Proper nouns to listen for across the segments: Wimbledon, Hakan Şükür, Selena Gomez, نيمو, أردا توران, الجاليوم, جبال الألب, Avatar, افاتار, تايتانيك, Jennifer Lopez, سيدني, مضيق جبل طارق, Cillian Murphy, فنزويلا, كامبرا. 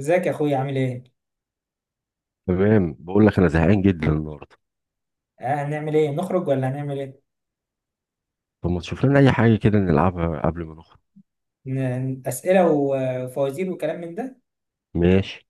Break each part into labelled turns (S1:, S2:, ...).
S1: ازيك يا اخويا؟ عامل ايه؟
S2: تمام، بقول لك انا زهقان جدا النهارده.
S1: آه، هنعمل ايه؟ نخرج ولا هنعمل ايه؟
S2: طب ما تشوف لنا اي حاجه كده نلعبها قبل ما نخرج.
S1: اسئله وفوازير وكلام من ده؟
S2: ماشي.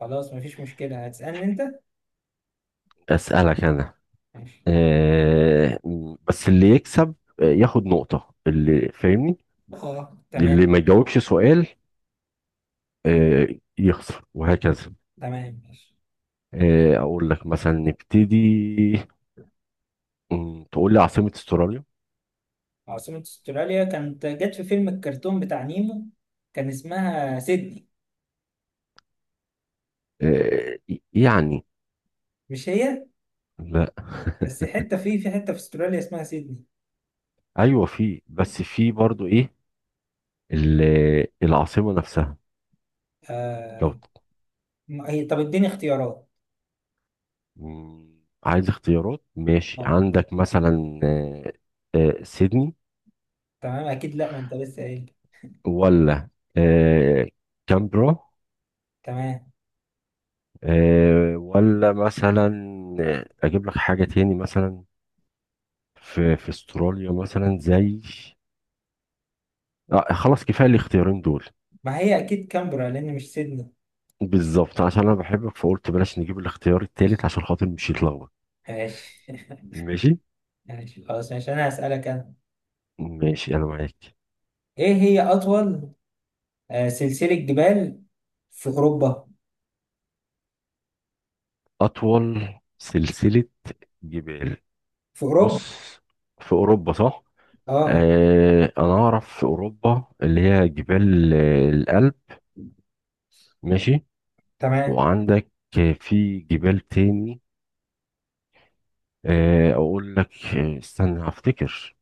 S1: خلاص، مفيش مشكله. هتسالني انت؟
S2: اسالك انا.
S1: ماشي.
S2: بس اللي يكسب. ياخد نقطه اللي فاهمني.
S1: اه تمام.
S2: اللي ما يجاوبش سؤال آه يخسر وهكذا.
S1: تمام ماشي.
S2: اقول لك مثلا نبتدي. تقول لي عاصمه استراليا.
S1: عاصمه استراليا كانت جت في فيلم الكرتون بتاع نيمو، كان اسمها سيدني.
S2: يعني
S1: مش هي؟
S2: لا
S1: بس حته، في حته في استراليا اسمها سيدني.
S2: ايوه في، بس في برضو ايه العاصمه نفسها لو.
S1: آه. ما هي طب اديني اختيارات.
S2: عايز اختيارات، ماشي.
S1: اه
S2: عندك مثلا سيدني،
S1: تمام، اكيد لا، ما انت لسه قايل.
S2: ولا آه، كامبرا،
S1: تمام.
S2: ولا مثلا اجيب لك حاجة تاني. مثلا في في استراليا مثلا زي خلاص كفاية الاختيارين دول.
S1: ما هي اكيد كامبرا لان مش سيدني.
S2: بالظبط عشان انا بحبك فقلت بلاش نجيب الاختيار التالت عشان خاطر مش يتلخبط.
S1: ماشي
S2: ماشي.
S1: ماشي خلاص، ماشي، انا هسألك انا.
S2: ماشي انا معاك.
S1: ايه هي اطول سلسلة جبال في اوروبا؟
S2: اطول سلسلة جبال.
S1: في اوروبا.
S2: بص في اوروبا صح.
S1: اه
S2: انا اعرف في اوروبا اللي هي جبال الألب. ماشي.
S1: تمام.
S2: وعندك في جبال تاني. اقول لك استنى هفتكر.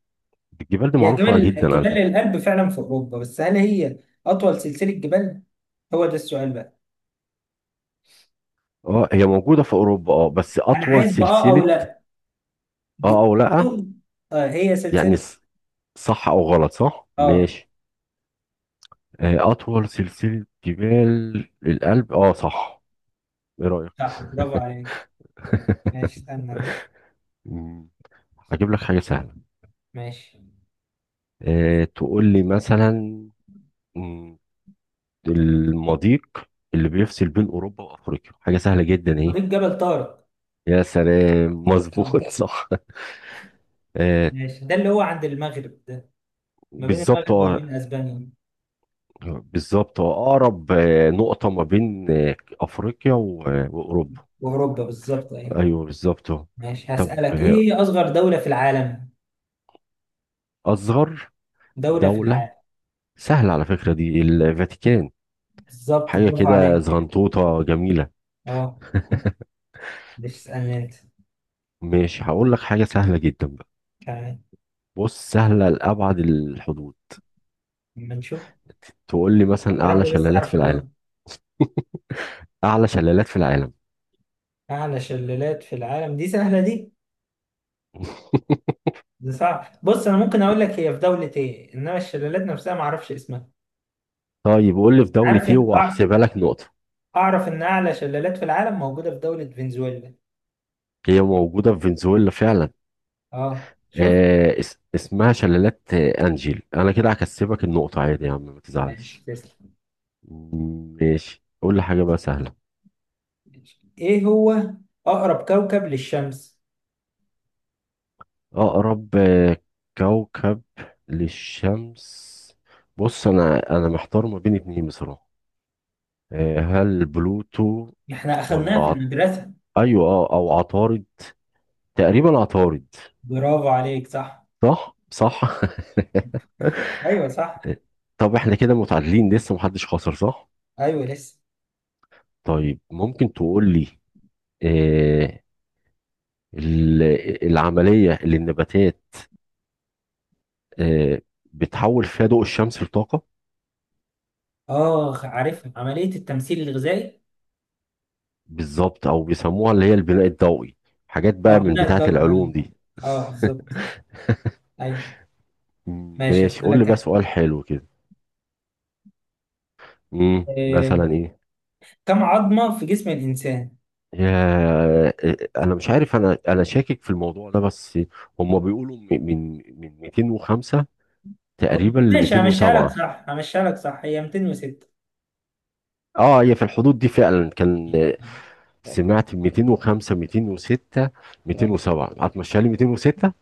S2: الجبال دي
S1: هي
S2: معروفة
S1: جبال،
S2: جدا على
S1: جبال
S2: فكرة.
S1: الألب فعلا في اوروبا، بس هل هي اطول سلسلة جبال؟ هو ده السؤال بقى.
S2: اه هي موجودة في اوروبا اه بس
S1: انا
S2: اطول
S1: عايز بقى آه او
S2: سلسلة.
S1: لا.
S2: اه
S1: ج-
S2: او لا.
S1: أطول- آه، هي سلسلة.
S2: يعني صح او غلط، صح
S1: اه
S2: ماشي. اطول سلسلة جبال الألب اه صح. ايه رأيك؟
S1: صح، برافو عليك. ماشي استنى.
S2: مم، هجيب لك حاجة سهلة.
S1: ماشي.
S2: تقول لي مثلا مم. المضيق اللي بيفصل بين اوروبا وافريقيا، حاجه سهله جدا اهي.
S1: مضيق جبل طارق.
S2: يا سلام
S1: اه
S2: مظبوط صح آه
S1: ماشي، ده اللي هو عند المغرب ده، ما بين
S2: بالظبط
S1: المغرب وما بين
S2: اه.
S1: اسبانيا.
S2: بالظبط اه. اقرب نقطه ما بين افريقيا واوروبا.
S1: واوروبا بالظبط اهي.
S2: ايوه بالظبط اه.
S1: ماشي،
S2: طب
S1: هسألك ايه هي اصغر دولة في العالم؟
S2: اصغر
S1: دولة في
S2: دوله
S1: العالم.
S2: سهله على فكره، دي الفاتيكان.
S1: بالظبط،
S2: حاجه
S1: برافو
S2: كده
S1: عليك.
S2: زغنطوطه جميله.
S1: اه. مش اسألني انت؟
S2: ماشي هقول لك حاجه سهله جدا بقى.
S1: تمام،
S2: بص سهله لابعد الحدود.
S1: اما نشوف.
S2: تقول لي مثلا
S1: يا
S2: اعلى
S1: رب بس
S2: شلالات في
S1: اعرف
S2: العالم.
S1: اجاوب.
S2: أعلى شلالات في العالم.
S1: اعلى شلالات في العالم دي سهلة دي. دي صعب، بص انا ممكن اقول لك هي في دولة ايه، انما الشلالات نفسها ما اعرفش اسمها.
S2: طيب قول لي في دولة
S1: عارف
S2: إيه
S1: إن- أع-
S2: وأحسبها لك نقطة.
S1: اعرف ان اعلى شلالات في العالم موجودة في دولة فنزويلا.
S2: هي موجودة في فنزويلا فعلا.
S1: اه شوف.
S2: اس اسمها شلالات أنجيل، أنا كده هكسبك النقطة عادي يا عم، ما تزعلش.
S1: ماشي تسلم.
S2: ماشي قول لي حاجة بقى سهلة.
S1: ماشي. ايه هو اقرب كوكب للشمس؟
S2: أقرب كوكب للشمس. بص أنا محتار ما بين اتنين بصراحة. هل بلوتو
S1: احنا
S2: ولا
S1: اخذناها في
S2: عط...
S1: المدرسة.
S2: أيوه أو عطارد. تقريبا عطارد.
S1: برافو عليك، صح.
S2: صح صح.
S1: ايوه صح.
S2: طب احنا كده متعادلين لسه محدش خسر صح؟
S1: ايوه لسه.
S2: طيب ممكن تقول لي آه ال- العملية اللي النباتات آه بتحول فيها ضوء الشمس لطاقة.
S1: اه عارفها، عملية التمثيل الغذائي.
S2: بالظبط او بيسموها اللي هي البناء الضوئي. حاجات بقى
S1: اه،
S2: من
S1: بناء
S2: بتاعة
S1: الدورة، أيوة.
S2: العلوم دي.
S1: اه بالظبط. ايوه. ماشي،
S2: ماشي قول لي
S1: هسألك
S2: بقى
S1: أنا.
S2: سؤال حلو كده.
S1: آه،
S2: مثلا ايه.
S1: كم عظمة في جسم الإنسان؟
S2: يا آه، انا مش عارف، انا شاكك في الموضوع ده بس. هم بيقولوا من 205
S1: أو
S2: تقريبا ل
S1: ماشي، همشيها لك
S2: 207.
S1: صح، همشيها لك صح، هي 206.
S2: اه هي في الحدود دي فعلا كان سمعت 205 206
S1: اه،
S2: 207، هتمشيها لي 206.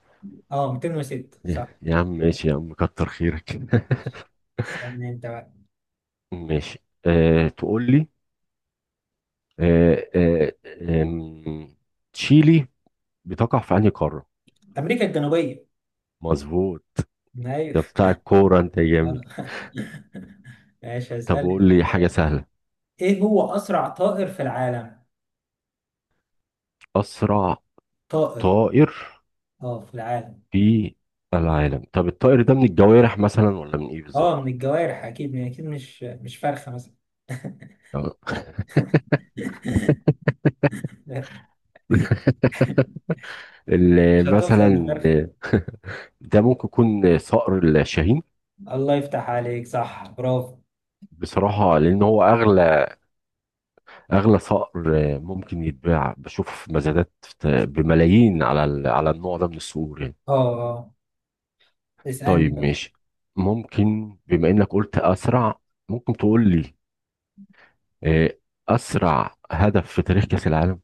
S1: آه، 206
S2: يا
S1: صح.
S2: يا عم ماشي يا عم، كتر خيرك.
S1: استنى انت بقى.
S2: ماشي أه تقول لي أه أه آم، تشيلي بتقع في انهي قارة؟
S1: أمريكا الجنوبية.
S2: مظبوط.
S1: ايوه.
S2: ده بتاع الكورة انت جامد.
S1: آه ماشي
S2: طب
S1: هسألك،
S2: قول لي حاجة
S1: آه،
S2: سهلة.
S1: ايه هو أسرع طائر في العالم؟
S2: اسرع
S1: طائر.
S2: طائر
S1: اه في العالم.
S2: في العالم. طب الطائر ده من الجوارح مثلا ولا من ايه
S1: اه
S2: بالظبط؟
S1: من الجوارح اكيد، يعني اكيد مش فرخه مثلا
S2: آه.
S1: مش هتوصل
S2: مثلا
S1: لفرخه.
S2: ده ممكن يكون صقر الشاهين.
S1: الله يفتح عليك، صح برافو.
S2: بصراحة لأن هو أغلى، أغلى صقر ممكن يتباع بشوف مزادات بملايين على على النوع ده من الصقور يعني.
S1: اه. اه اسالني
S2: طيب
S1: بقى.
S2: ماشي. ممكن بما إنك قلت أسرع، ممكن تقول لي آه، أسرع هدف في تاريخ كأس العالم؟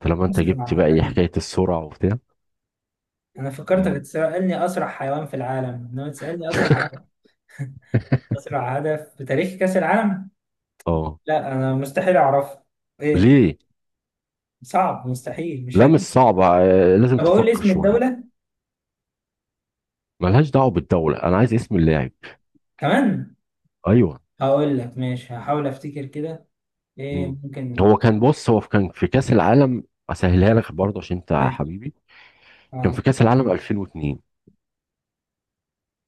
S2: طالما أنت جبت بقى
S1: اسرع
S2: إيه
S1: هدف.
S2: حكاية السرعة وبتاع.
S1: انا فكرتك
S2: مم.
S1: هتسالني اسرع حيوان في العالم، انما تسالني اسرع هدف. اسرع هدف في تاريخ كاس العالم،
S2: اه
S1: لا انا مستحيل اعرفه. ايه؟
S2: ليه؟
S1: صعب، مستحيل مش
S2: لا مش
S1: هجيب.
S2: صعبة، لازم
S1: طب اقول لي
S2: تفكر
S1: اسم
S2: شوية.
S1: الدوله
S2: ملهاش دعوة بالدولة، أنا عايز اسم اللاعب.
S1: كمان.
S2: أيوه.
S1: هقول لك ماشي، هحاول افتكر كده. ايه
S2: مم.
S1: ممكن؟
S2: هو كان، بص هو كان في كأس العالم. اسهلها لك برضه عشان انت
S1: ماشي.
S2: حبيبي. كان
S1: اه.
S2: في كأس العالم 2002.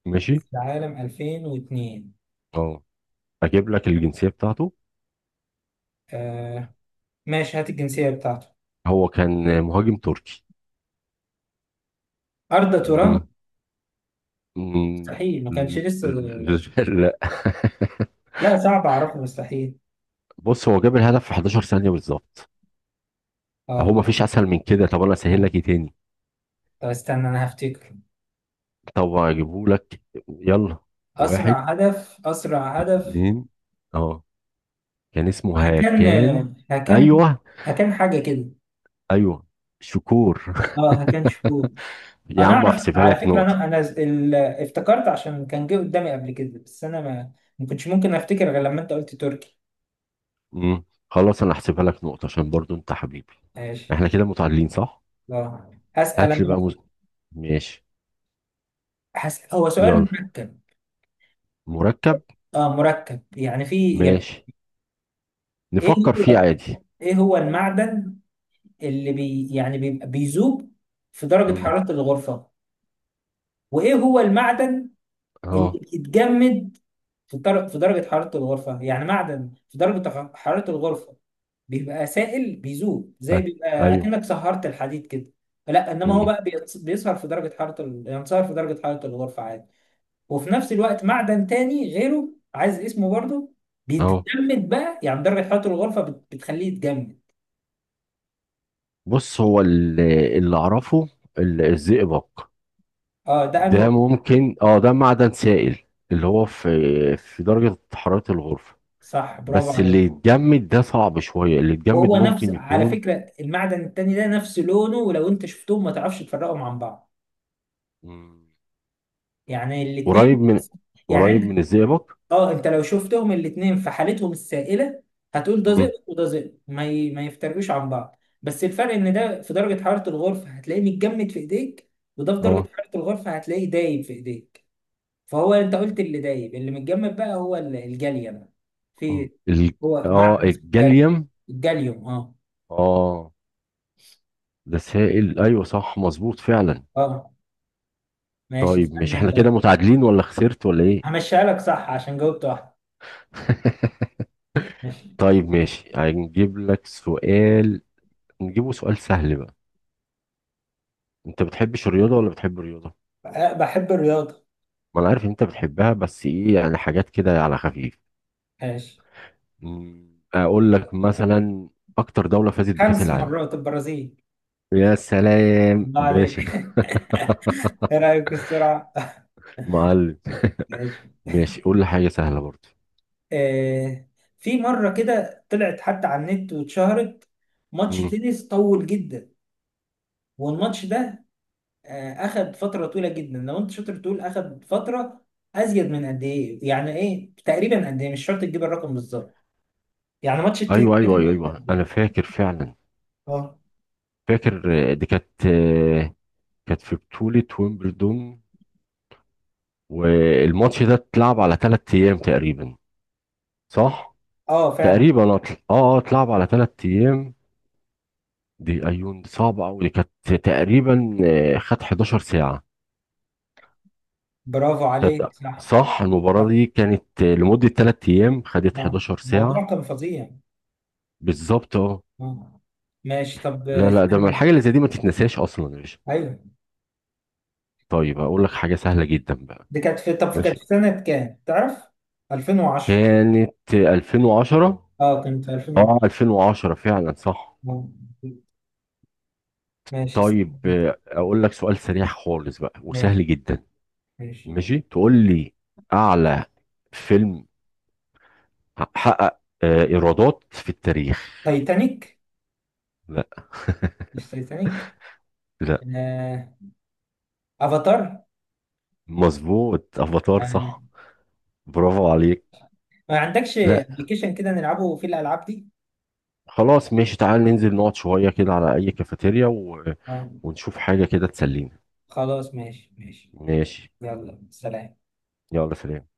S2: ماشي.
S1: كاس العالم 2002.
S2: اه اجيب لك الجنسية بتاعته.
S1: آه ماشي، هات الجنسية بتاعته.
S2: هو كان مهاجم تركي.
S1: أردا توران.
S2: مم. مم.
S1: مستحيل، ما كانش لسه.
S2: لا.
S1: لا صعب أعرفه، مستحيل.
S2: بص هو جاب الهدف في 11 ثانية بالظبط. اهو
S1: اه.
S2: ما فيش اسهل من كده. طب انا اسهل لك ايه
S1: آه،
S2: تاني.
S1: طب استنى أنا هفتكر.
S2: طب اجيبه لك. يلا.
S1: أسرع
S2: واحد،
S1: هدف، أسرع هدف.
S2: اتنين. اه كان اسمه
S1: هكان.
S2: هاكان.
S1: هكان.
S2: ايوه.
S1: هكان حاجة كده.
S2: ايوه شكور.
S1: اه هكان شهور.
S2: يا
S1: أنا
S2: عم
S1: أعرف
S2: احسبها
S1: على
S2: لك
S1: فكرة، أنا
S2: نقطة.
S1: أنا افتكرت عشان كان جه قدامي قبل كده، بس أنا ما كنتش ممكن أفتكر غير لما أنت قلت تركي.
S2: امم خلاص، انا احسبها لك نقطة عشان برضو انت حبيبي.
S1: ماشي.
S2: احنا كده متعادلين صح.
S1: اه هسأل
S2: هات
S1: أنا
S2: لي بقى
S1: بقى.
S2: ماشي.
S1: هسأل، هو سؤال
S2: يلا.
S1: مركب.
S2: مركب.
S1: اه مركب، يعني في إجابة.
S2: ماشي
S1: ايه اللي
S2: نفكر فيه
S1: هو،
S2: عادي.
S1: ايه هو المعدن اللي يعني بيبقى بيذوب في درجة
S2: امم.
S1: حرارة الغرفة، وايه هو المعدن اللي
S2: اهو.
S1: بيتجمد في في درجة حرارة الغرفة؟ يعني معدن في درجة حرارة الغرفة بيبقى سائل، بيذوب، زي
S2: أي-
S1: بيبقى
S2: ايوه.
S1: اكنك سهرت الحديد كده. لا، انما هو
S2: امم.
S1: بقى بيسهر في درجة حرارة ينصهر في درجة حرارة الغرفة عادي. وفي نفس الوقت معدن تاني غيره، عايز اسمه برضه،
S2: اهو.
S1: بيتجمد بقى، يعني درجة حرارة الغرفة بتخليه يتجمد.
S2: بص هو اللي اعرفه، الزئبق.
S1: اه ده انه.
S2: ده ممكن. اه ده معدن سائل اللي هو في في درجة حرارة الغرفة.
S1: صح برافو
S2: بس اللي
S1: عليك.
S2: يتجمد ده صعب شوية، اللي يتجمد
S1: وهو نفس
S2: ممكن
S1: على
S2: يكون
S1: فكرة، المعدن التاني ده نفس لونه، ولو انت شفتهم ما تعرفش تفرقهم عن بعض، يعني
S2: قريب
S1: الاتنين.
S2: من،
S1: يعني انت،
S2: الزئبق.
S1: اه انت لو شفتهم الاتنين في حالتهم السائلة هتقول ده
S2: مم.
S1: زئبق وده زئبق، ما يفترقوش عن بعض. بس الفرق ان ده في درجة حرارة الغرفة هتلاقيه متجمد في ايديك، وده في درجة
S2: اه
S1: حرارة الغرفة هتلاقيه دايب في ايديك. فهو انت قلت اللي دايب، اللي متجمد بقى هو الجاليوم. في،
S2: ال...
S1: هو
S2: اه
S1: معدن اسمه الجاليوم.
S2: الجاليوم.
S1: الجاليوم اه.
S2: اه. ده سائل، ايوه صح مظبوط فعلا.
S1: اه. ماشي
S2: طيب ماشي
S1: استنى
S2: احنا
S1: انت.
S2: كده متعادلين ولا خسرت ولا ايه؟
S1: همشيها لك صح عشان جاوبت واحدة. ماشي.
S2: طيب ماشي هنجيب لك سؤال، نجيبه سؤال سهل بقى. انت بتحبش الرياضة ولا بتحب الرياضة؟
S1: أه، بحب الرياضة.
S2: ما انا عارف ان انت بتحبها، بس ايه يعني حاجات كده على خفيف.
S1: ماشي.
S2: اقول لك مثلا اكتر دولة فازت بكأس
S1: خمس
S2: العالم.
S1: مرات البرازيل.
S2: يا سلام
S1: الله عليك
S2: باشا.
S1: ايه رأيك في السرعة؟
S2: معلم.
S1: ماشي.
S2: ماشي قول لي حاجة سهلة برضه.
S1: آه، في مرة كده طلعت حتى على النت واتشهرت، ماتش
S2: مم.
S1: تنس طول جدا. والماتش ده آه أخد فترة طويلة جدا. لو أنت شاطر تقول أخد فترة أزيد من قد إيه؟ يعني إيه تقريبا قد إيه؟ مش شرط تجيب الرقم بالظبط، يعني ماتش التنس
S2: أيوه
S1: ده
S2: أيوه
S1: كان
S2: أيوه
S1: وقت
S2: أيوه
S1: قد
S2: أنا
S1: إيه؟
S2: فاكر فعلا.
S1: أه
S2: فاكر دي كانت كانت في بطولة ويمبلدون. والماتش ده اتلعب على 3 أيام تقريبا صح؟
S1: أه فعلا.
S2: تقريبا اتلعب على 3 أيام. دي أيون دي صعبة أوي. دي كانت تقريبا خد 11 ساعة.
S1: برافو
S2: كانت
S1: عليك، صح.
S2: صح، المباراة
S1: صح.
S2: دي كانت لمدة 3 أيام، خدت
S1: اه،
S2: 11 ساعة.
S1: الموضوع كان فظيع.
S2: بالظبط اه.
S1: اه. ماشي طب
S2: لا لا، ده ما
S1: استني.
S2: الحاجة اللي زي دي ما تتنساش أصلا يا باشا.
S1: ايوه.
S2: طيب اقول لك حاجه سهله جدا بقى.
S1: دي كانت في، طب كانت
S2: ماشي
S1: في سنة كام؟ تعرف؟ 2010.
S2: كانت 2010.
S1: اه كانت في
S2: اه
S1: 2010.
S2: 2010 فعلا صح.
S1: اه. ماشي
S2: طيب
S1: استني.
S2: اقول لك سؤال سريع خالص بقى وسهل
S1: ماشي.
S2: جدا.
S1: ماشي.
S2: ماشي تقول لي اعلى فيلم حقق ايرادات في التاريخ.
S1: تايتانيك.
S2: لا.
S1: مش تايتانيك؟
S2: لا.
S1: آه، افاتار.
S2: مظبوط افاتار
S1: آه.
S2: صح. برافو عليك.
S1: ما عندكش
S2: لا
S1: ابلكيشن كده نلعبه في الالعاب دي؟
S2: خلاص ماشي، تعال ننزل نقعد شويه كده على اي كافيتيريا و...
S1: اه.
S2: ونشوف حاجه كده تسلينا.
S1: خلاص ماشي، ماشي.
S2: ماشي.
S1: يلا سلام.
S2: يلا سلام.